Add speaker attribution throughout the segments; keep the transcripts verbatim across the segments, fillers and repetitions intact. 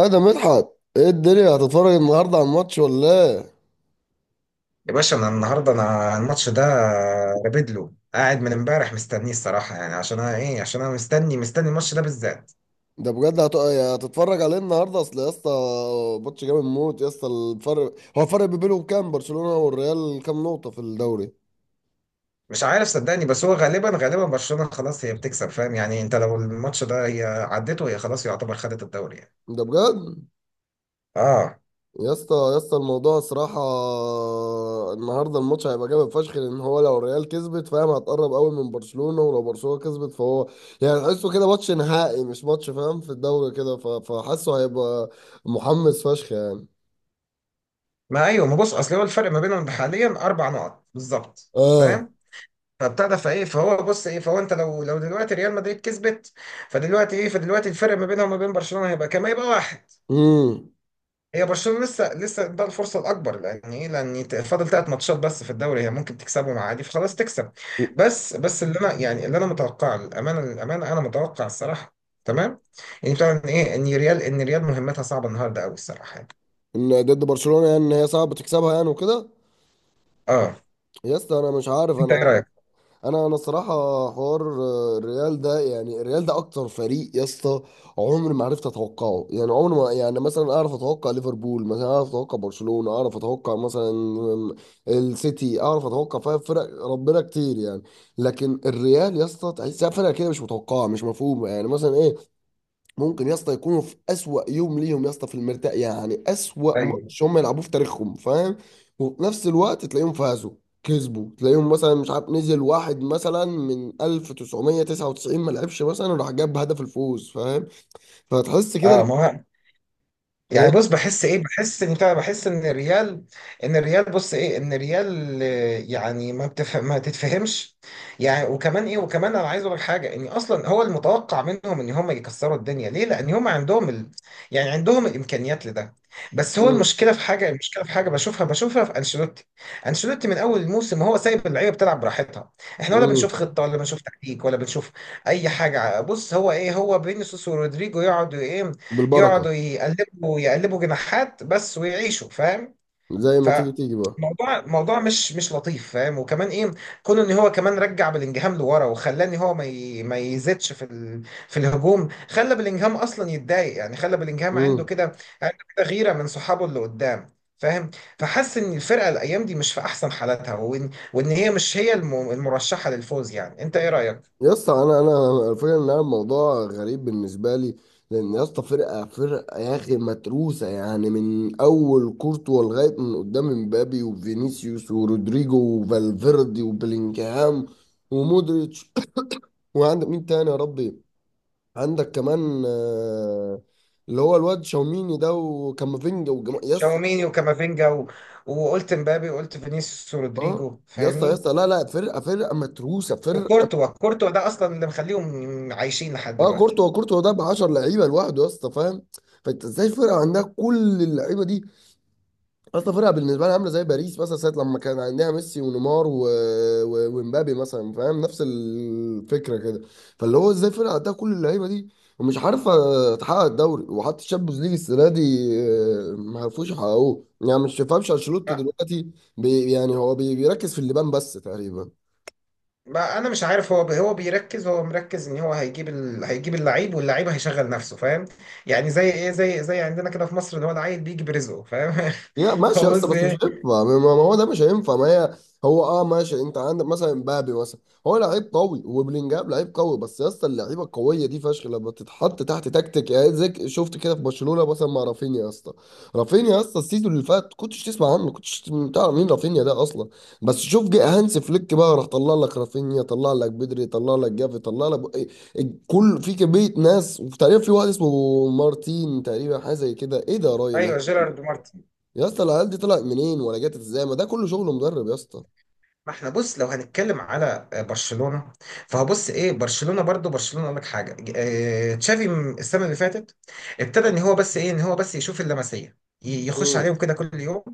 Speaker 1: اه، ده مدحت. ايه الدنيا هتتفرج النهارده على الماتش ولا ايه؟
Speaker 2: يا باشا انا النهارده انا الماتش ده رابد له قاعد من امبارح مستنيه الصراحه يعني عشان انا ايه عشان انا مستني مستني الماتش ده بالذات.
Speaker 1: ده بجد هت... يعني هتتفرج عليه النهارده، اصل يا اسطى. ماتش جامد موت يا اسطى. الفرق، هو الفرق ما بينهم كام؟ برشلونة والريال كام نقطة في الدوري؟
Speaker 2: مش عارف صدقني، بس هو غالبا غالبا برشلونه خلاص هي بتكسب، فاهم يعني؟ انت لو الماتش ده هي عدته هي خلاص يعتبر خدت الدوري يعني.
Speaker 1: ده بجد؟
Speaker 2: اه،
Speaker 1: يا اسطى يا اسطى، الموضوع صراحة. النهارده الماتش هيبقى جامد فشخ، لان هو لو الريال كسبت، فاهم، هتقرب قوي من برشلونة، ولو برشلونة كسبت فهو، يعني تحسه كده ماتش نهائي، مش ماتش فاهم في الدوري كده. ف... فحاسه هيبقى محمس فشخ يعني.
Speaker 2: ما ايوه، ما بص، اصل هو الفرق ما بينهم حاليا اربع نقط بالظبط،
Speaker 1: اه.
Speaker 2: فاهم؟ فابتدى فايه فهو بص ايه فهو انت لو لو دلوقتي ريال مدريد كسبت، فدلوقتي ايه فدلوقتي الفرق ما بينها وما بين برشلونه هيبقى كام؟ هيبقى واحد.
Speaker 1: امم.
Speaker 2: هي برشلونة لسه لسه ده الفرصة الأكبر لأن إيه، لأن ت- فاضل ثلاث ماتشات بس في الدوري، هي ممكن تكسبهم عادي فخلاص تكسب. بس بس اللي أنا يعني اللي أنا متوقعه الأمانة، الأمانة أنا متوقع الصراحة تمام. يعني طبعا إيه إن ريال إن ريال مهمتها صعبة النهاردة أوي الصراحة يعني.
Speaker 1: ان ضد برشلونه، يعني ان هي صعب تكسبها يعني وكده.
Speaker 2: أه.
Speaker 1: يا اسطى انا مش عارف
Speaker 2: أنت إيه
Speaker 1: انا.
Speaker 2: رأيك؟
Speaker 1: انا انا الصراحه. حوار آه، الريال ده، يعني الريال ده اكتر فريق يا اسطى، عمري ما عرفت اتوقعه يعني. عمري ما يعني، مثلا اعرف اتوقع ليفربول، مثلا اعرف اتوقع برشلونه، اعرف اتوقع مثلا آم، السيتي، اعرف اتوقع فيها فرق ربنا كتير يعني. لكن الريال يا اسطى تحسها فرقه كده مش متوقعه، مش مفهومه، يعني مثلا ايه. ممكن يا اسطى يكونوا في اسوأ يوم ليهم، يا اسطى، في المرتاح، يعني اسوأ
Speaker 2: ايوه.
Speaker 1: ماتش هم يلعبوه في تاريخهم فاهم. وفي نفس الوقت تلاقيهم فازوا، كسبوا، تلاقيهم مثلا مش عارف نزل واحد مثلا من ألف وتسعمية وتسعة وتسعين ما لعبش مثلا وراح جاب هدف الفوز فاهم. فتحس كده
Speaker 2: اه
Speaker 1: ال-.
Speaker 2: ما هو.
Speaker 1: إيه؟
Speaker 2: يعني بص بحس ايه، بحس ان بتاع- بحس ان الريال، ان الريال بص ايه ان الريال آه، يعني ما بتف... ما تتفهمش. يعني وكمان ايه، وكمان انا عايز اقول لك حاجه، ان اصلا هو المتوقع منهم ان هم يكسروا الدنيا، ليه؟ لان هم عندهم ال... يعني عندهم الامكانيات لده. بس هو
Speaker 1: مم.
Speaker 2: المشكله في حاجه، المشكله في حاجه بشوفها بشوفها في انشيلوتي. انشيلوتي من اول الموسم هو سايب اللعيبه بتلعب براحتها، احنا ولا
Speaker 1: مم.
Speaker 2: بنشوف خطه ولا بنشوف تكتيك ولا بنشوف اي حاجه. بص هو ايه، هو فينيسيوس ورودريجو يقعدوا ايه،
Speaker 1: بالبركة.
Speaker 2: يقعدوا يقلبوا يقلبوا جناحات بس ويعيشوا، فاهم؟
Speaker 1: زي ما تيجي تيجي بقى.
Speaker 2: فموضوع موضوع مش مش لطيف فاهم. وكمان ايه، كون ان هو كمان رجع بلينجهام لورا وخلاني هو ما ي... ما يزيدش في ال... في الهجوم، خلى بلينجهام اصلا يتضايق يعني، خلى بلينجهام عنده
Speaker 1: مم.
Speaker 2: كده، عنده كده غيره من صحابه اللي قدام، فاهم؟ فحس ان الفرقه الايام دي مش في احسن حالاتها، وان وان هي مش هي الم... المرشحه للفوز يعني. انت ايه رايك؟
Speaker 1: يا اسطى انا انا الفكره ان انا الموضوع غريب بالنسبه لي. لان يا اسطى فرقه فرقه يا اخي متروسه، يعني من اول كورتوا لغايه من قدام امبابي وفينيسيوس ورودريجو وفالفيردي وبلينجهام ومودريتش. وعندك مين تاني يا ربي؟ عندك كمان آه، اللي هو الواد شاوميني ده وكامافينجا وجما يا اسطى.
Speaker 2: شاوميني وكامافينجا و... وقلت مبابي وقلت فينيسيوس
Speaker 1: اه.
Speaker 2: ورودريجو،
Speaker 1: يا اسطى يا
Speaker 2: فاهمني؟
Speaker 1: اسطى، لا لا، فرقه فرقه متروسه فرقه.
Speaker 2: وكورتوا، كورتوا ده اصلا اللي مخليهم عايشين لحد
Speaker 1: اه،
Speaker 2: دلوقتي.
Speaker 1: كورتوا كورتوا ده ب عشرة لعيبه لوحده يا اسطى فاهم. فانت ازاي فرقه عندها كل اللعيبه دي، اصلا فرقه بالنسبه لها عامله زي باريس مثلا ساعه لما كان عندها ميسي ونيمار و... و... ومبابي مثلا فاهم، نفس الفكره كده. فاللي هو ازاي فرقه عندها كل اللعيبه دي ومش عارفه تحقق الدوري وحتى الشامبيونز ليج السنه دي؟ آه، ما عرفوش يحققوه يعني. مش فاهمش انشيلوتي
Speaker 2: ما
Speaker 1: دلوقتي. بي... يعني هو بي... بيركز في اللبان بس تقريبا.
Speaker 2: ما انا مش عارف، هو هو بيركز، هو مركز ان هو هيجيب ال... هيجيب اللعيب واللعيب هيشغل نفسه، فاهم؟ يعني زي ايه، زي زي عندنا كده في مصر اللي هو العيل بيجي برزقه، فاهم؟
Speaker 1: لا ماشي يا
Speaker 2: هو
Speaker 1: اسطى،
Speaker 2: بص
Speaker 1: بس مش
Speaker 2: ايه.
Speaker 1: هينفع، ما ما هو ده مش هينفع، ما هي هو. اه ماشي، انت عندك مثلا مبابي مثلا، هو لعيب قوي، وبلينجهام لعيب قوي، بس يا اسطى اللعيبه القويه دي فشخ لما تتحط تحت تكتيك، يعني زي شفت كده في برشلونه مثلا مع رافينيا يا اسطى. رافينيا يا اسطى السيزون اللي فات كنتش تسمع عنه، كنتش تعرف مين رافينيا ده اصلا. بس شوف، جه هانس فليك بقى، راح طلع لك رافينيا، طلع لك بدري، طلع لك جافي، طلع لك إيه، كل في كميه ناس، وتقريبا في واحد اسمه مارتين، تقريبا حاجه زي كده، ايه ده يا راجل؟
Speaker 2: ايوه، جيرارد مارتن.
Speaker 1: يا اسطى العيال دي طلعت منين ولا جت ازاي؟ ما ده كله شغل مدرب يا اسطى.
Speaker 2: ما احنا بص لو هنتكلم على آه، برشلونة، فهبص ايه برشلونة برضو، برشلونة اقول لك حاجة اه، تشافي م- السنة اللي فاتت ابتدى ان هو بس ايه، ان هو بس يشوف اللمسية، ي- يخش
Speaker 1: امم.
Speaker 2: عليهم كده كل يوم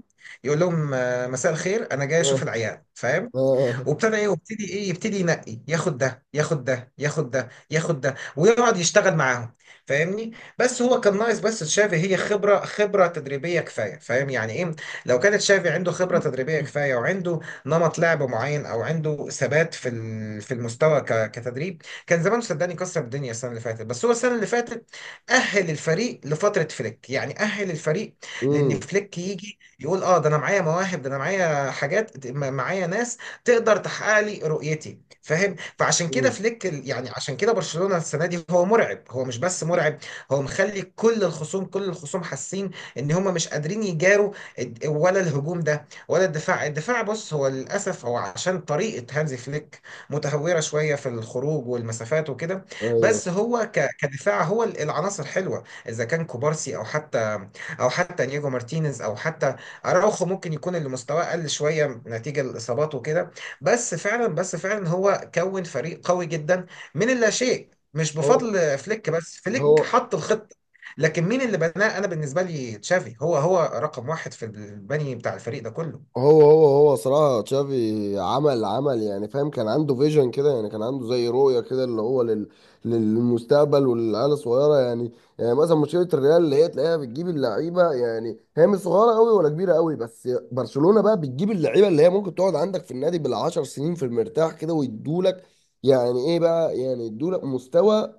Speaker 2: يقول لهم اه، مساء الخير انا جاي اشوف
Speaker 1: اه.
Speaker 2: العيال، فاهم؟
Speaker 1: اه.
Speaker 2: وابتدى ايه وابتدي ايه يبتدي ينقي، ياخد ده ياخد ده ياخد ده ياخد ده ويقعد يشتغل معاهم، فاهمني؟ بس هو كان ناقص، بس تشافي هي خبره، خبره تدريبيه كفايه، فاهم يعني ايه؟ لو كانت تشافي عنده خبره تدريبيه كفايه وعنده نمط لعب معين او عنده ثبات في ال- في المستوى ك- كتدريب كان زمانه صدقني كسر الدنيا السنه اللي فاتت. بس هو السنه اللي فاتت اهل الفريق لفتره فليك يعني، اهل الفريق، لان
Speaker 1: امم.
Speaker 2: فليك يجي يقول اه، ده انا معايا مواهب، ده انا معايا حاجات، ده- معايا ناس تقدر تحقق لي رؤيتي، فاهم؟ فعشان كده
Speaker 1: امم.
Speaker 2: فليك ال- يعني عشان كده برشلونة السنة دي هو مرعب، هو مش بس مرعب، هو مخلي كل الخصوم، كل الخصوم حاسين ان هم مش قادرين يجاروا الد- ولا الهجوم ده ولا الدفاع الدفاع بص هو للاسف هو عشان طريقة هانزي فليك متهورة شوية في الخروج والمسافات وكده،
Speaker 1: ايوه.
Speaker 2: بس هو ك- كدفاع هو ال- العناصر حلوة، اذا كان كوبارسي او حتى او حتى نيجو مارتينيز او حتى اراوخو، ممكن يكون اللي مستواه قل شوية نتيجة الاصابات وكده. بس فعلا، بس فعلا هو كون فريق قوي جدا من اللا شيء، مش
Speaker 1: هو
Speaker 2: بفضل فليك، بس
Speaker 1: هو
Speaker 2: فليك حط الخطة. لكن مين اللي بناه؟ انا بالنسبة لي تشافي هو هو رقم واحد في البني بتاع الفريق ده كله.
Speaker 1: هو هو هو صراحة تشافي عمل عمل، يعني فاهم، كان عنده فيجن كده، يعني كان عنده زي رؤية كده اللي هو لل... للمستقبل وللعيال الصغيرة يعني. يعني مثلا مشكلة الريال اللي هي تلاقيها بتجيب اللعيبة يعني هي مش صغيرة قوي ولا كبيرة قوي، بس برشلونة بقى بتجيب اللعيبة اللي هي ممكن تقعد عندك في النادي بالعشر سنين في المرتاح كده ويدولك، يعني ايه بقى، يعني يدولك مستوى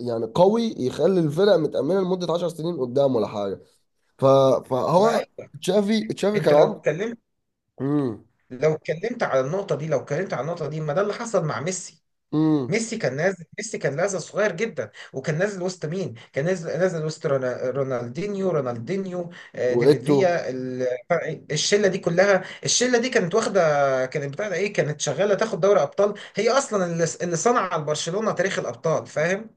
Speaker 1: يعني قوي يخلي الفرق متأمنة لمدة عشر سنين قدام ولا حاجة. ف...
Speaker 2: ما
Speaker 1: فهو
Speaker 2: ايوه.
Speaker 1: تشافي، تشافي
Speaker 2: انت
Speaker 1: كان
Speaker 2: لو
Speaker 1: عنده.
Speaker 2: اتكلمت،
Speaker 1: مم.
Speaker 2: لو اتكلمت على النقطة دي، لو اتكلمت على النقطة دي ما ده اللي حصل مع ميسي.
Speaker 1: امم.
Speaker 2: ميسي كان نازل، ميسي كان لازل صغير جدا وكان نازل وسط مين؟ كان نازل، نازل وسط رونا- رونالدينيو، رونالدينيو آه، ديفيد
Speaker 1: وايتو.
Speaker 2: فيا، ال- الشله دي كلها، الشله دي كانت واخده، كانت بتاع ده ايه، كانت شغاله تاخد دوري ابطال، هي اصلا اللي اللي صنع على برشلونه تاريخ الابطال، فاهم؟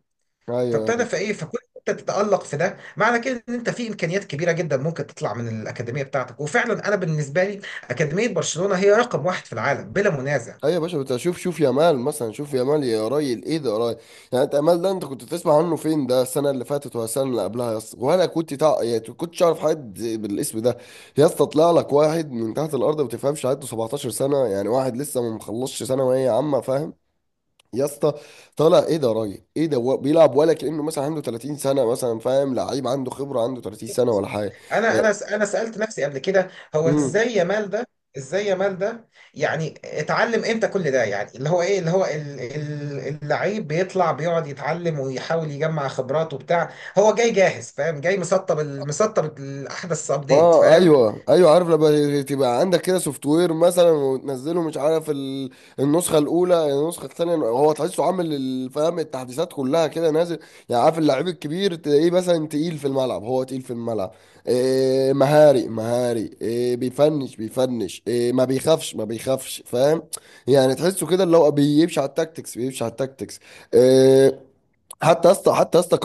Speaker 1: ايوه ايوه.
Speaker 2: فابتدى فايه فكنت انت تتالق في ده، معنى كده ان انت في امكانيات كبيره جدا ممكن تطلع من الاكاديميه بتاعتك، وفعلا انا بالنسبه لي اكاديميه برشلونه هي رقم واحد في العالم بلا منازع.
Speaker 1: أيوة يا باشا، بس شوف، شوف يامال مثلا، شوف يامال يا راجل، ايه ده يا راجل؟ يعني انت يامال ده انت كنت تسمع عنه فين؟ ده السنه اللي فاتت ولا السنه اللي قبلها يا اسطى؟ ولا كنت تع... يعني كنتش اعرف حد بالاسم ده يا اسطى. طلع لك واحد من تحت الارض ما تفهمش، عنده سبعتاشر سنه، يعني واحد لسه ما مخلصش ثانويه عامه فاهم. يا اسطى طالع، ايه ده يا راجل؟ ايه ده؟ هو بيلعب ولا كانه مثلا عنده تلاتين سنه مثلا، فاهم، لعيب عنده خبره عنده تلاتين سنه ولا حاجه.
Speaker 2: انا
Speaker 1: يعني-.
Speaker 2: انا انا سالت نفسي قبل كده، هو
Speaker 1: مم.
Speaker 2: ازاي يا مال ده؟ ازاي يا مال ده؟ يعني اتعلم امتى كل ده؟ يعني اللي هو ايه، اللي هو ال- ال- اللعيب بيطلع بيقعد يتعلم ويحاول يجمع خبرات وبتاع، هو جاي جاهز، فاهم؟ جاي مسطب ال- مسطب الاحدث ابديت،
Speaker 1: اه
Speaker 2: فاهم؟
Speaker 1: ايوه ايوه، عارف لما تبقى عندك كده سوفت وير مثلا وتنزله، مش عارف ال- النسخه الاولى، النسخه الثانيه، هو تحسه عامل الفهم التحديثات كلها كده نازل. يعني عارف اللعيب الكبير تلاقيه مثلا تقيل في الملعب، هو تقيل في الملعب، إيه، مهاري مهاري، إيه، بيفنش بيفنش، إيه، ما بيخافش ما بيخافش، فاهم؟ يعني تحسه كده اللي هو بيمشي على التاكتكس، بيمشي على التاكتكس، إيه. حتى يا اسطى، حتى يا اسطى،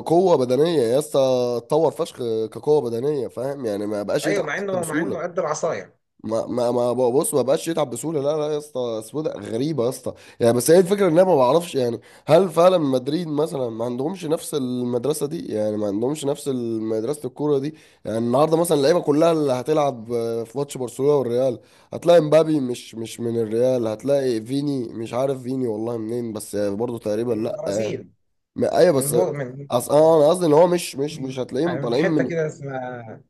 Speaker 1: كقوه بدنيه يا اسطى، اتطور فشخ. كقوه بدنيه فاهم، يعني ما بقاش
Speaker 2: ايوه
Speaker 1: يتعب
Speaker 2: مع
Speaker 1: حتى
Speaker 2: انه، مع انه
Speaker 1: بسهوله.
Speaker 2: قد العصايه.
Speaker 1: ما ما ما بص ما بقاش يتعب بسهوله، لا لا يا اسطى، سوده غريبه يا اسطى. يعني بس هي الفكره ان انا ما بعرفش يعني، هل فعلا مدريد مثلا ما عندهمش نفس المدرسه دي؟ يعني ما عندهمش نفس مدرسه الكوره دي. يعني النهارده مثلا اللعيبه كلها اللي هتلعب في ماتش برشلونه والريال، هتلاقي مبابي مش مش من الريال، هتلاقي فيني مش عارف فيني والله منين، بس برضه تقريبا
Speaker 2: من
Speaker 1: لا يعني.
Speaker 2: البرازيل.
Speaker 1: ما- ايوه
Speaker 2: من
Speaker 1: بس،
Speaker 2: بو من،
Speaker 1: اصل انا قصدي ان هو مش مش مش هتلاقيهم
Speaker 2: من
Speaker 1: طالعين
Speaker 2: حته
Speaker 1: من.
Speaker 2: كده اسمها،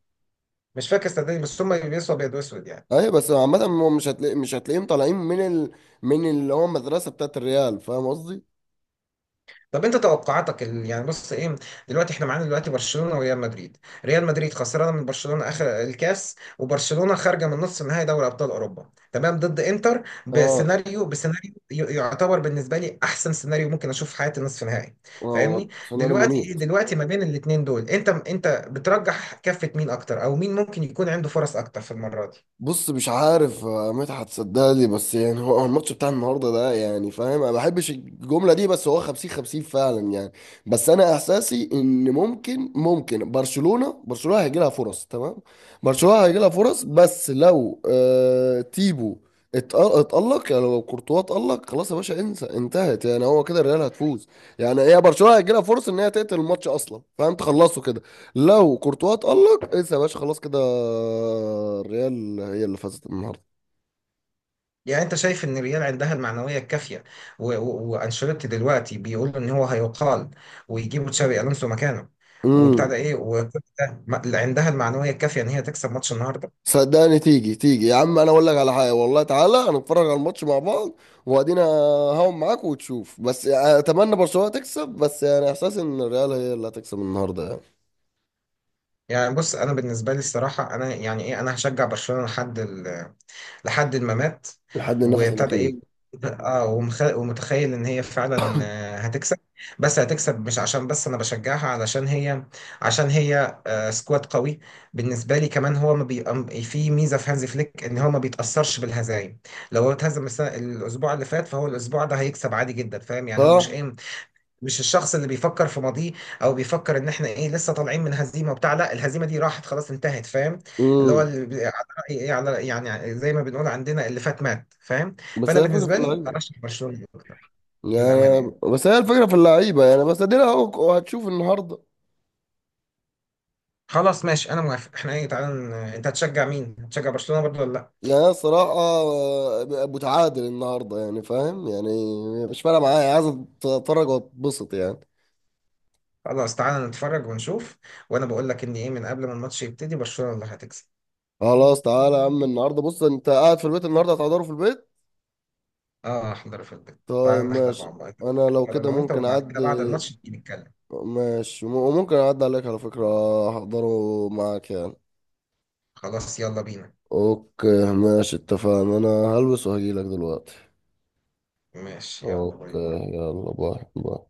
Speaker 2: مش فاكر صدقني، بس هم بيلبسوا ابيض واسود يعني.
Speaker 1: ايوه بس عامة هو مش هتلاقي، مش هتلاقيهم طالعين من ال... من اللي هو المدرسة بتاعت الريال، فاهم قصدي؟
Speaker 2: طب انت توقعاتك ال- يعني بص ايه، دلوقتي احنا معانا دلوقتي برشلونة وريال مدريد. ريال مدريد خسرانة من برشلونة اخر الكاس، وبرشلونة خارجة من نص نهائي دوري ابطال اوروبا تمام ضد انتر
Speaker 1: اه.
Speaker 2: بسيناريو، بسيناريو ي- يعتبر بالنسبة لي احسن سيناريو ممكن اشوف في حياتي نصف نهائي،
Speaker 1: اه،
Speaker 2: فاهمني؟
Speaker 1: سيناريو
Speaker 2: دلوقتي ايه،
Speaker 1: مميت.
Speaker 2: دلوقتي ما بين الاتنين دول انت، انت بترجح كفة مين اكتر، او مين ممكن يكون عنده فرص اكتر في المرة دي؟
Speaker 1: بص مش عارف آه، مدحت صدقني، بس يعني هو هو الماتش بتاع النهارده ده يعني فاهم، انا ما بحبش الجمله دي، بس هو خمسين خمسين فعلا يعني. بس انا احساسي ان ممكن ممكن برشلونه، برشلونه هيجي لها فرص، تمام. برشلونه هيجي لها فرص، بس لو آه تيبو اتق- اتألق، يعني لو كورتوا اتألق خلاص يا باشا، انسى، انتهت، يعني هو كده الريال هتفوز. يعني هي برشلونه هيجي لها فرص ان هي تقتل الماتش اصلا فاهم، تخلصه كده. لو كورتوا اتألق انسى يا باشا، خلاص كده الريال هي اللي فازت النهارده.
Speaker 2: يعني انت شايف ان الريال عندها المعنويه الكافيه، و- و- وانشيلوتي دلوقتي بيقول ان هو هيقال ويجيبوا تشابي الونسو مكانه، وبتاع ده
Speaker 1: امم.
Speaker 2: ايه، وكوتا ما- عندها المعنويه الكافيه ان هي تكسب ماتش النهارده؟
Speaker 1: صدقني، تيجي تيجي يا عم، انا اقول لك على حاجه، والله تعالى هنتفرج على الماتش مع بعض، وادينا هون معاك وتشوف، بس اتمنى برشلونه تكسب، بس يعني احساس ان الريال هي اللي هتكسب النهارده يعني.
Speaker 2: يعني بص انا بالنسبه لي الصراحه انا يعني ايه، انا هشجع برشلونه لحد، لحد ما مات.
Speaker 1: لحد النفس
Speaker 2: وابتدى
Speaker 1: الاخير.
Speaker 2: ايه، اه، ومخ... ومتخيل ان هي فعلا آه، هتكسب، بس هتكسب مش عشان بس انا بشجعها، علشان هي، عشان هي آه، سكواد قوي بالنسبه لي. كمان هو ما بي... أم- في ميزه في هانزي فليك ان هو ما بيتاثرش بالهزايم. لو هو اتهزم السنة... الاسبوع اللي فات، فهو الاسبوع ده هيكسب عادي جدا، فاهم يعني؟ هو مش
Speaker 1: صح.
Speaker 2: ايه، مش الشخص اللي بيفكر في ماضيه او بيفكر ان احنا ايه لسه طالعين من هزيمه وبتاع، لا الهزيمه دي راحت خلاص انتهت، فاهم؟ اللي هو
Speaker 1: امم.
Speaker 2: اللي بي- على رأي ايه على يعني زي ما بنقول عندنا، اللي فات مات، فاهم؟
Speaker 1: بس
Speaker 2: فانا
Speaker 1: هي الفكره في
Speaker 2: بالنسبه لي
Speaker 1: اللعيبه.
Speaker 2: ارشح برشلونه اكتر، للامانه
Speaker 1: يعني
Speaker 2: يعني.
Speaker 1: بس هي الفكره في اللعيبه يعني، بس ادينا اهو هتشوف النهارده.
Speaker 2: خلاص ماشي انا موافق، احنا ايه، تعالى ن- انت هتشجع مين، هتشجع برشلونه برضه ولا لا؟
Speaker 1: يعني أنا صراحة آه، متعادل النهاردة يعني، فاهم يعني. مش فارقة معايا، عايز اتفرج واتبسط يعني.
Speaker 2: خلاص تعالى نتفرج ونشوف. وانا بقول لك ان ايه، من قبل ما الماتش يبتدي، برشلونه اللي هتكسب.
Speaker 1: خلاص، تعالى يا عم النهاردة، بص انت قاعد في البيت، النهاردة هتحضره في البيت.
Speaker 2: اه احضر في البيت،
Speaker 1: طيب
Speaker 2: تعالى نحضر
Speaker 1: ماشي.
Speaker 2: مع بعض،
Speaker 1: انا لو
Speaker 2: نحضر
Speaker 1: كده
Speaker 2: انا وانت
Speaker 1: ممكن
Speaker 2: وبعد كده
Speaker 1: اعدي.
Speaker 2: بعد الماتش نيجي نتكلم.
Speaker 1: ماشي، وممكن اعدي عليك على فكرة، احضره معاك يعني.
Speaker 2: خلاص يلا بينا.
Speaker 1: اوكي ماشي، اتفقنا. انا هلبس وهجيلك دلوقتي.
Speaker 2: ماشي، يلا باي
Speaker 1: اوكي.
Speaker 2: باي.
Speaker 1: يلا باي باي.